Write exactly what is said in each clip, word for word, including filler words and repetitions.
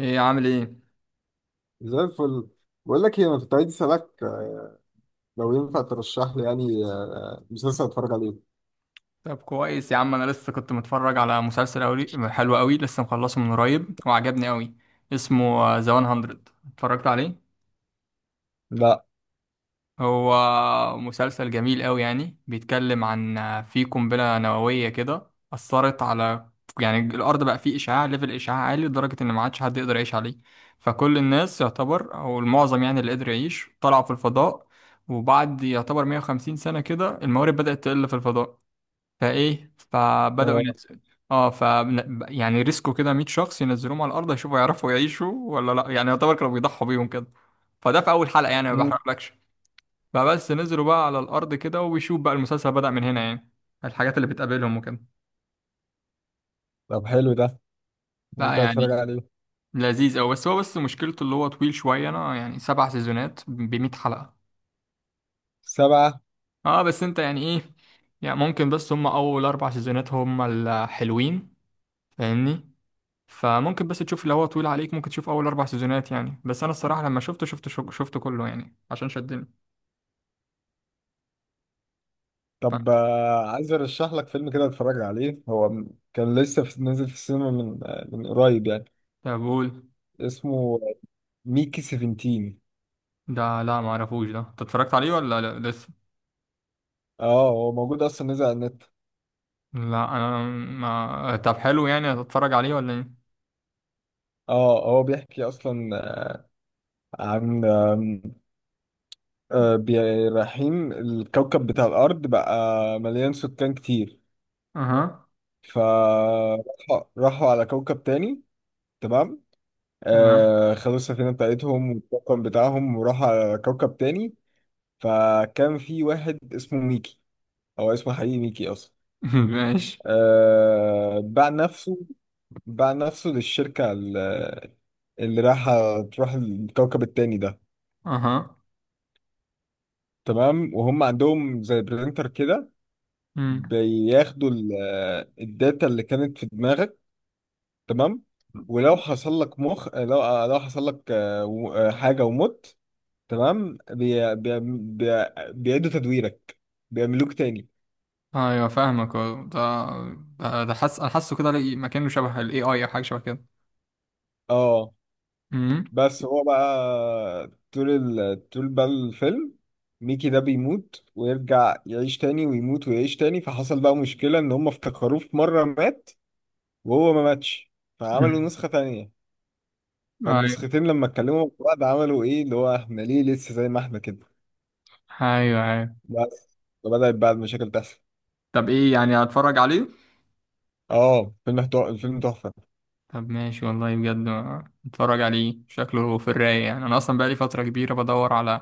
ايه عامل ايه؟ زي الفل. بقول لك ايه، انا كنت عايز اسالك، آه، لو ينفع ترشح لي يعني آه، مسلسل اتفرج عليه. طب كويس يا عم، انا لسه كنت متفرج على مسلسل أولي حلو قوي، لسه مخلصه من قريب وعجبني قوي. اسمه ذا ميه. اتفرجت عليه؟ لا. هو مسلسل جميل قوي، يعني بيتكلم عن آه، في قنبلة نووية كده أثرت على يعني الأرض، بقى فيه إشعاع، ليفل إشعاع عالي لدرجة إن ما عادش حد يقدر يعيش عليه. فكل الناس يعتبر، أو المعظم يعني، اللي قدر يعيش طلعوا في الفضاء. وبعد يعتبر 150 سنة كده، الموارد بدأت تقل في الفضاء، فايه فبداوا آه. ينزلوا. اه ف يعني ريسكوا كده 100 شخص، ينزلوهم على الارض يشوفوا يعرفوا يعيشوا ولا لا، يعني يعتبر كانوا بيضحوا بيهم كده. فده في اول حلقه يعني، ما مم. بحرقلكش. فبس نزلوا بقى على الارض كده، وبيشوف بقى المسلسل بدأ من هنا يعني، الحاجات اللي بتقابلهم وكده. طب حلو ده، لا ممكن اتفرج يعني، عليه. لذيذ أوي، بس هو بس مشكلته اللي هو طويل شويه، انا يعني سبع سيزونات ب 100 حلقه. سبعة. اه، بس انت يعني ايه. يعني ممكن، بس هم اول اربع سيزونات هم الحلوين، فاهمني؟ فممكن بس تشوف، لو هو طويل عليك ممكن تشوف اول اربع سيزونات يعني، بس انا الصراحه لما شفته شفته شو- شفته كله يعني عشان شدني. فهمت؟ طب، آه، عايز ارشح لك فيلم كده اتفرج عليه، هو م- كان لسه في، نازل في السينما من آه، من قريب يعني. طب قول. اسمه ميكي سفنتين. ده لا ما اعرفوش ده، انت اتفرجت عليه ولا لا لسه؟ اه، هو موجود اصلا نزل على النت. لا انا ما طب حلو، يعني هتتفرج عليه ولا ايه؟ اه هو بيحكي اصلا آه، عن، آم، آه، بي- رايحين الكوكب بتاع الارض بقى، مليان سكان كتير. اها. فراحوا راحوا على كوكب تاني. تمام. تمام. آه، خدوا السفينة بتاعتهم والطاقم بتاعهم وراحوا على كوكب تاني. فكان في واحد اسمه ميكي، هو اسمه حقيقي ميكي أصلا. ماشي. آه باع نفسه باع نفسه للشركة ال- اللي رايحة تروح الكوكب التاني ده. اها. تمام، وهم عندهم زي برينتر كده، امم. بياخدوا ال- الداتا اللي كانت في دماغك. تمام، ولو حصل لك مخ، لو لو حصل لك آه، و- آه، حاجة ومت. تمام. بي... بي... بي... بيعيدوا تدويرك، بيعملوك تاني. ايوه فاهمك، أه. ده ده ده حاسس، انا حاسه كده لقي- مكانه شبه الاي اي او، حاجه شبه كده. اه، امم. بس هو بقى طول، ال... طول بقى الفيلم، ميكي ده بيموت ويرجع يعيش تاني ويموت ويعيش تاني، فحصل بقى مشكلة ان هم افتكروه في مرة مات وهو ما ماتش، فعملوا أمم. نسخة تانية. ايوه فالنسختين لما اتكلموا مع بعض عملوا ايه؟ اللي هو احنا ليه لسه زي ما احنا كده؟ ايوه ايوه. بس فبدأت بقى المشاكل تحصل. طب ايه يعني، هتفرج عليه؟ اه، فيلم تحفة، الفيلم تحفة. طب ماشي والله بجد، اتفرج عليه شكله في الرايق يعني، انا اصلا بقالي فتره كبيره بدور على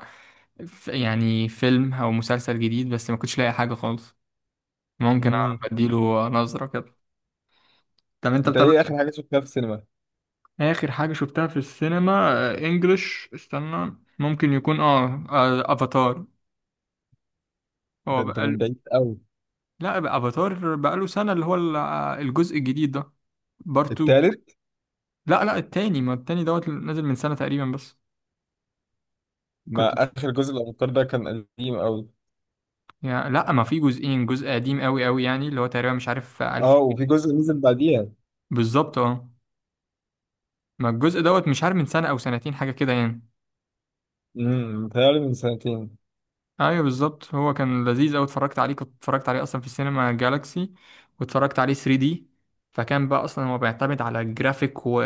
ف- يعني فيلم او مسلسل جديد، بس ما كنتش لاقي حاجه خالص. ممكن مم. اديله نظره كده. طب انت انت بتابع؟ ايه اخر حاجة شفتها في السينما؟ اخر حاجه شفتها في السينما آه، انجلش، استنى ممكن يكون اه آه، افاتار. هو ده انت بقاله. من بعيد قوي. لا، بقى افاتار بقاله سنه، اللي هو ال- آه، الجزء الجديد ده، بارت اتنين. التالت. لا لا، التاني، ما التاني دوت نازل من سنه تقريبا بس. كنت. ما اخر جزء الابطال ده كان قديم قوي. يا لا ما في جزئين، جزء قديم قوي قوي يعني، اللي هو تقريبا مش عارف ألف. اه، وفي جزء نزل بعديها. بالظبط اه. ما الجزء دوت مش عارف من سنة أو سنتين حاجة كده يعني. امم متهيألي من سنتين. أيوه بالظبط، هو كان لذيذ أوي. اتفرجت عليه، كنت اتفرجت عليه أصلا في السينما جالاكسي، واتفرجت عليه ثري دي. فكان بقى أصلا هو بيعتمد على الجرافيك، و...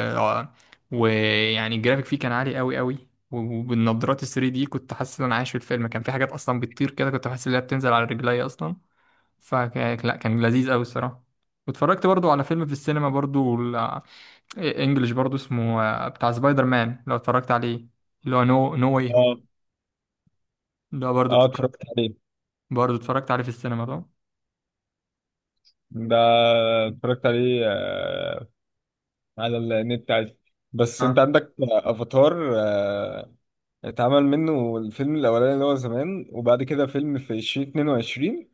ويعني الجرافيك فيه كان عالي قوي قوي، وبالنظارات ال ثري دي كنت حاسس إن أنا عايش في الفيلم، كان في حاجات أصلا بتطير كده كنت حاسس إن هي بتنزل على رجلي أصلا. فلا كان لذيذ قوي الصراحه. واتفرجت برضو على فيلم في السينما برضو ال- انجلش برضو، اسمه آه، بتاع سبايدر مان لو اتفرجت عليه، اللي هو نو نو واي هو. اه ده برضو اه اتفرجت- اتفرجت عليه، برضو اتفرجت عليه في السينما ده. ده اتفرجت عليه آه، على النت عادي. بس انت اه عندك افاتار، آه اتعمل منه الفيلم الاولاني اللي هو زمان، وبعد كده فيلم في ألفين واتنين وعشرين،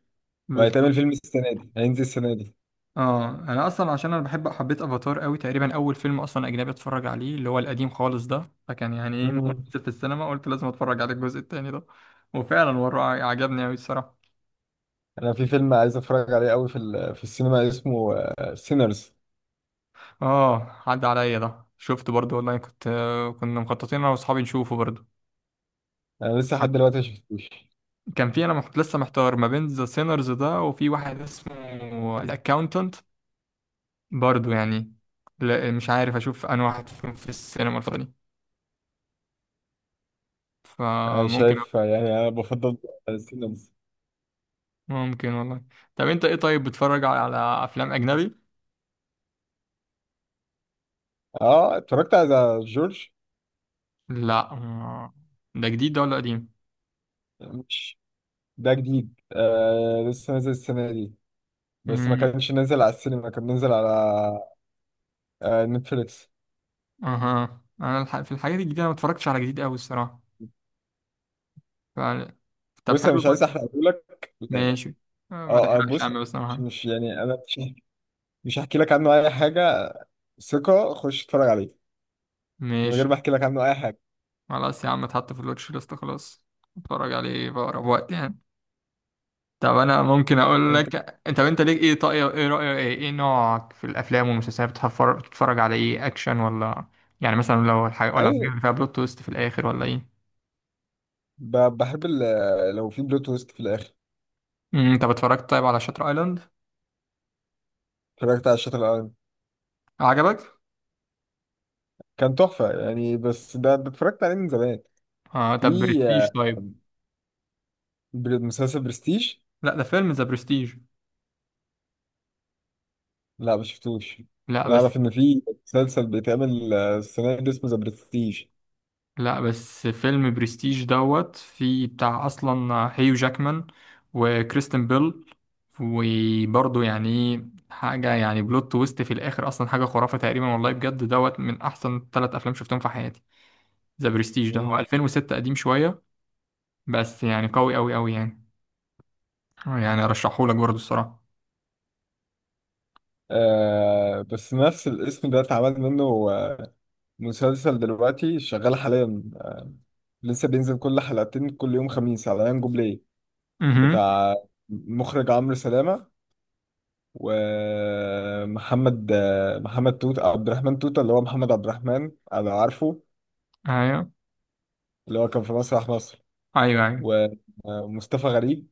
وهيتعمل بالظبط. فيلم السنة دي، هينزل السنة دي. اه انا اصلا عشان انا بحب حبيت افاتار قوي، تقريبا اول فيلم اصلا اجنبي اتفرج عليه اللي هو القديم خالص ده، فكان يعني ايه، مم. نزل في السينما قلت لازم اتفرج على الجزء التاني ده، وفعلا وراه عجبني قوي الصراحه. انا في فيلم عايز اتفرج عليه قوي في ال- في السينما، اسمه سينرز. اه عدى عليا ده، شفته برضو والله، كنت آه، كنا مخططين انا واصحابي نشوفه برضو. انا لسه لحد دلوقتي ما شفتوش. كان في انا محت... لسه محتار ما بين ذا سينرز ده، وفي واحد اسمه الاكاونتنت برضو يعني. لا مش عارف اشوف انا واحد فيهم في السينما الفترة دي. آه، فممكن. شايف، آه، يعني انا بفضل سينرز. ممكن والله. طب انت ايه طيب، بتتفرج على على افلام اجنبي؟ اه، اتفرجت على جورج. لا آه. ده جديد ده ولا قديم؟ مش ده جديد، آه لسه نازل السنه دي، بس ما امم. كانش نازل على السينما، كان نازل على آه نتفليكس. اها، انا الح... في الحاجات الجديدة انا ما اتفرجتش على جديد قوي الصراحة. ف... طب بص، انا حلو مش عايز طيب. احرقه لك. ماشي. آه، ما اه، آه، تحرقش يا بص، عم، بس أنا مش هعمل. مش- يعني انا مش مش هحكي لك عنه اي حاجه. ثقه، خش اتفرج عليه من ماشي. غير ما احكي لك عنه اي حاجه. خلاص يا عم اتحط في الواتش ليست خلاص، اتفرج عليه في اقرب وقت يعني. طب انا ممكن اقول انت لك، انت انت ليك ايه، طاقية ايه رأيك، ايه ايه نوعك في الافلام والمسلسلات، بتفر- بتتفرج على ايه، اكشن ولا يعني، مثلا لو الحاجة ولا الحاجات اي اللي فيها بلوت تويست في الاخر ولا ايه؟ ب- بحب ال- لو في بلوت تويست في الاخر. امم، انت اتفرجت طيب على شاتر ايلاند؟ اتفرجت على شاتر ايلاند، عجبك؟ كان تحفه يعني، بس ده ده اتفرجت عليه من زمان. اه، في، طب برستيج آه، طيب. بر- مسلسل برستيج. لا، ده فيلم ذا برستيج. لا ما شفتوش. لا انا بس. اعرف ان في مسلسل بيتعمل آه، السنه دي اسمه ذا برستيج. لا بس، فيلم برستيج دوت، في بتاع اصلا هيو جاكمان وكريستن بيل، وبرضه يعني إيه، حاجه يعني بلوت تويست في الاخر اصلا، حاجه خرافه تقريبا، والله بجد دوت من احسن ثلاث افلام شفتهم في حياتي. ذا برستيج ده هو مم. الفين وستة، قديم شويه بس يعني قوي قوي قوي يعني، يعني ارشحهولك برضه الصراحه. آه، بس نفس الاسم ده اتعمل منه آه، مسلسل دلوقتي شغال حاليا، لسه بينزل كل حلقتين كل يوم خميس على يانجو بلاي، اها. بتاع مخرج عمرو سلامة، ومحمد محمد توت عبد الرحمن توتة، اللي هو محمد عبد الرحمن انا عارفه، ايوه اللي هو كان في مسرح مصر، ايوه ايوه. و- ومصطفى غريب.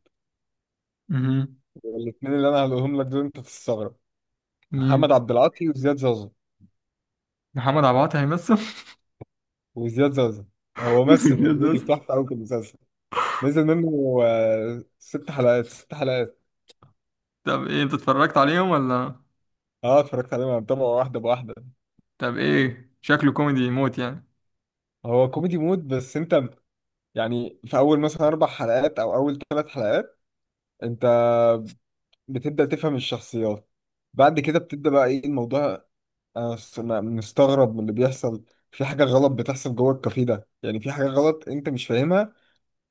اها. والاثنين اللي انا هقولهم لك دول انت تستغرب، محمد مين؟ عبد العاطي وزياد زازا. محمد عبد العاطي هيمثل؟ وزياد زازا هو ممثل اوريدي، بتحفه قوي في المسلسل. نزل منه آه، ست حلقات، ست حلقات. طب ايه، انت اتفرجت عليهم ولا؟ اه اتفرجت عليه، انا متابعه واحده بواحده. طب ايه شكله، كوميدي موت يعني؟ هو كوميدي مود، بس انت يعني في اول مثلا اربع حلقات او اول ثلاث حلقات، انت بتبدأ تفهم الشخصيات، بعد كده بتبدأ بقى ايه الموضوع. أنا س- أنا مستغرب من اللي بيحصل، في حاجة غلط بتحصل جوه الكافيه ده، يعني في حاجة غلط انت مش فاهمها.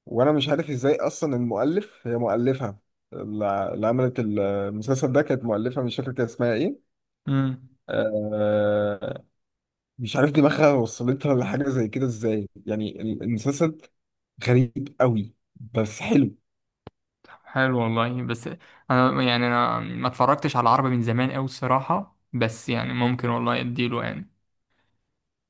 وانا مش عارف ازاي اصلا المؤلف، هي مؤلفها، اللي اللي عملت المسلسل ده، كانت مؤلفة مش فاكر كان اسمها ايه. امم. آه، مش عارف دماغها وصلتها لحاجة زي كده ازاي، يعني ال- المسلسل غريب قوي، بس حلو. حلو والله، بس انا يعني انا ما اتفرجتش على العربي من زمان قوي الصراحه، بس يعني ممكن والله اديله يعني،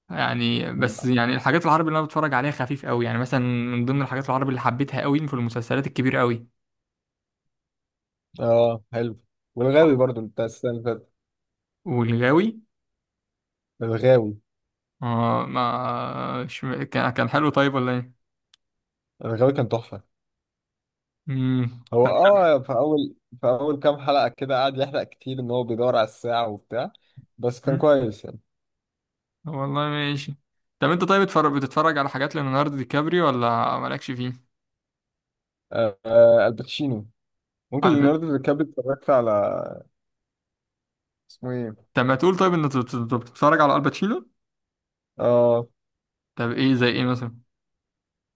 يعني بس يعني الحاجات العربي اللي انا بتفرج عليها خفيف قوي يعني، مثلا من ضمن الحاجات العربي اللي حبيتها قوي في المسلسلات الكبيره قوي اه، حلو، والغاوي برضو انت السنة اللي فاتت، والغاوي. الغاوي. اه، ما ش... كان كان حلو طيب ولا ايه؟ الغاوي كان تحفة. امم هو طب. اه في أول، في أول كام حلقة كده قعد يحرق كتير، إن هو بيدور على الساعة وبتاع، بس كان مم. كويس يعني. والله ماشي. طب انت طيب، بتفرج بتتفرج على حاجات ليوناردو دي كابريو ولا مالكش فيه؟ آه آه، الباتشينو، ممكن ليوناردو دي كابري اتفرجت على، اسمه ايه؟ طب ما تقول طيب، ان انت أنت بتتفرج على الباتشينو. اه، طب ايه، زي ايه مثلا؟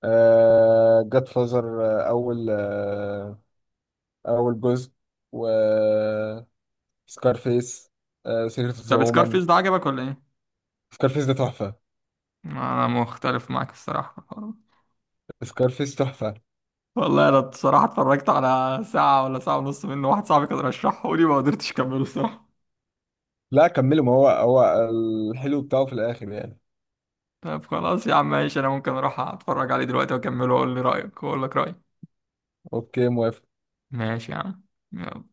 آه جاد فازر، آه أول، آه أول جزء، و سكارفيس، آه سيكريت اوف ذا طب وومن. سكارفيس ده عجبك ولا ايه؟ سكارفيس ده تحفة. انا مختلف معاك الصراحه في الحوار ده. سكارفيس تحفة. والله انا الصراحه اتفرجت على ساعه ولا ساعه ونص منه، واحد صاحبي كان رشحه لي ما قدرتش اكمله الصراحه. لا كمله، ما هو هو الحلو بتاعه في الآخر يعني. طب خلاص يا عم ماشي، انا ممكن اروح اتفرج عليه دلوقتي واكمله، واقول لي رايك واقول لك رايي. اوكي، موافق. ماشي يا عم. يلا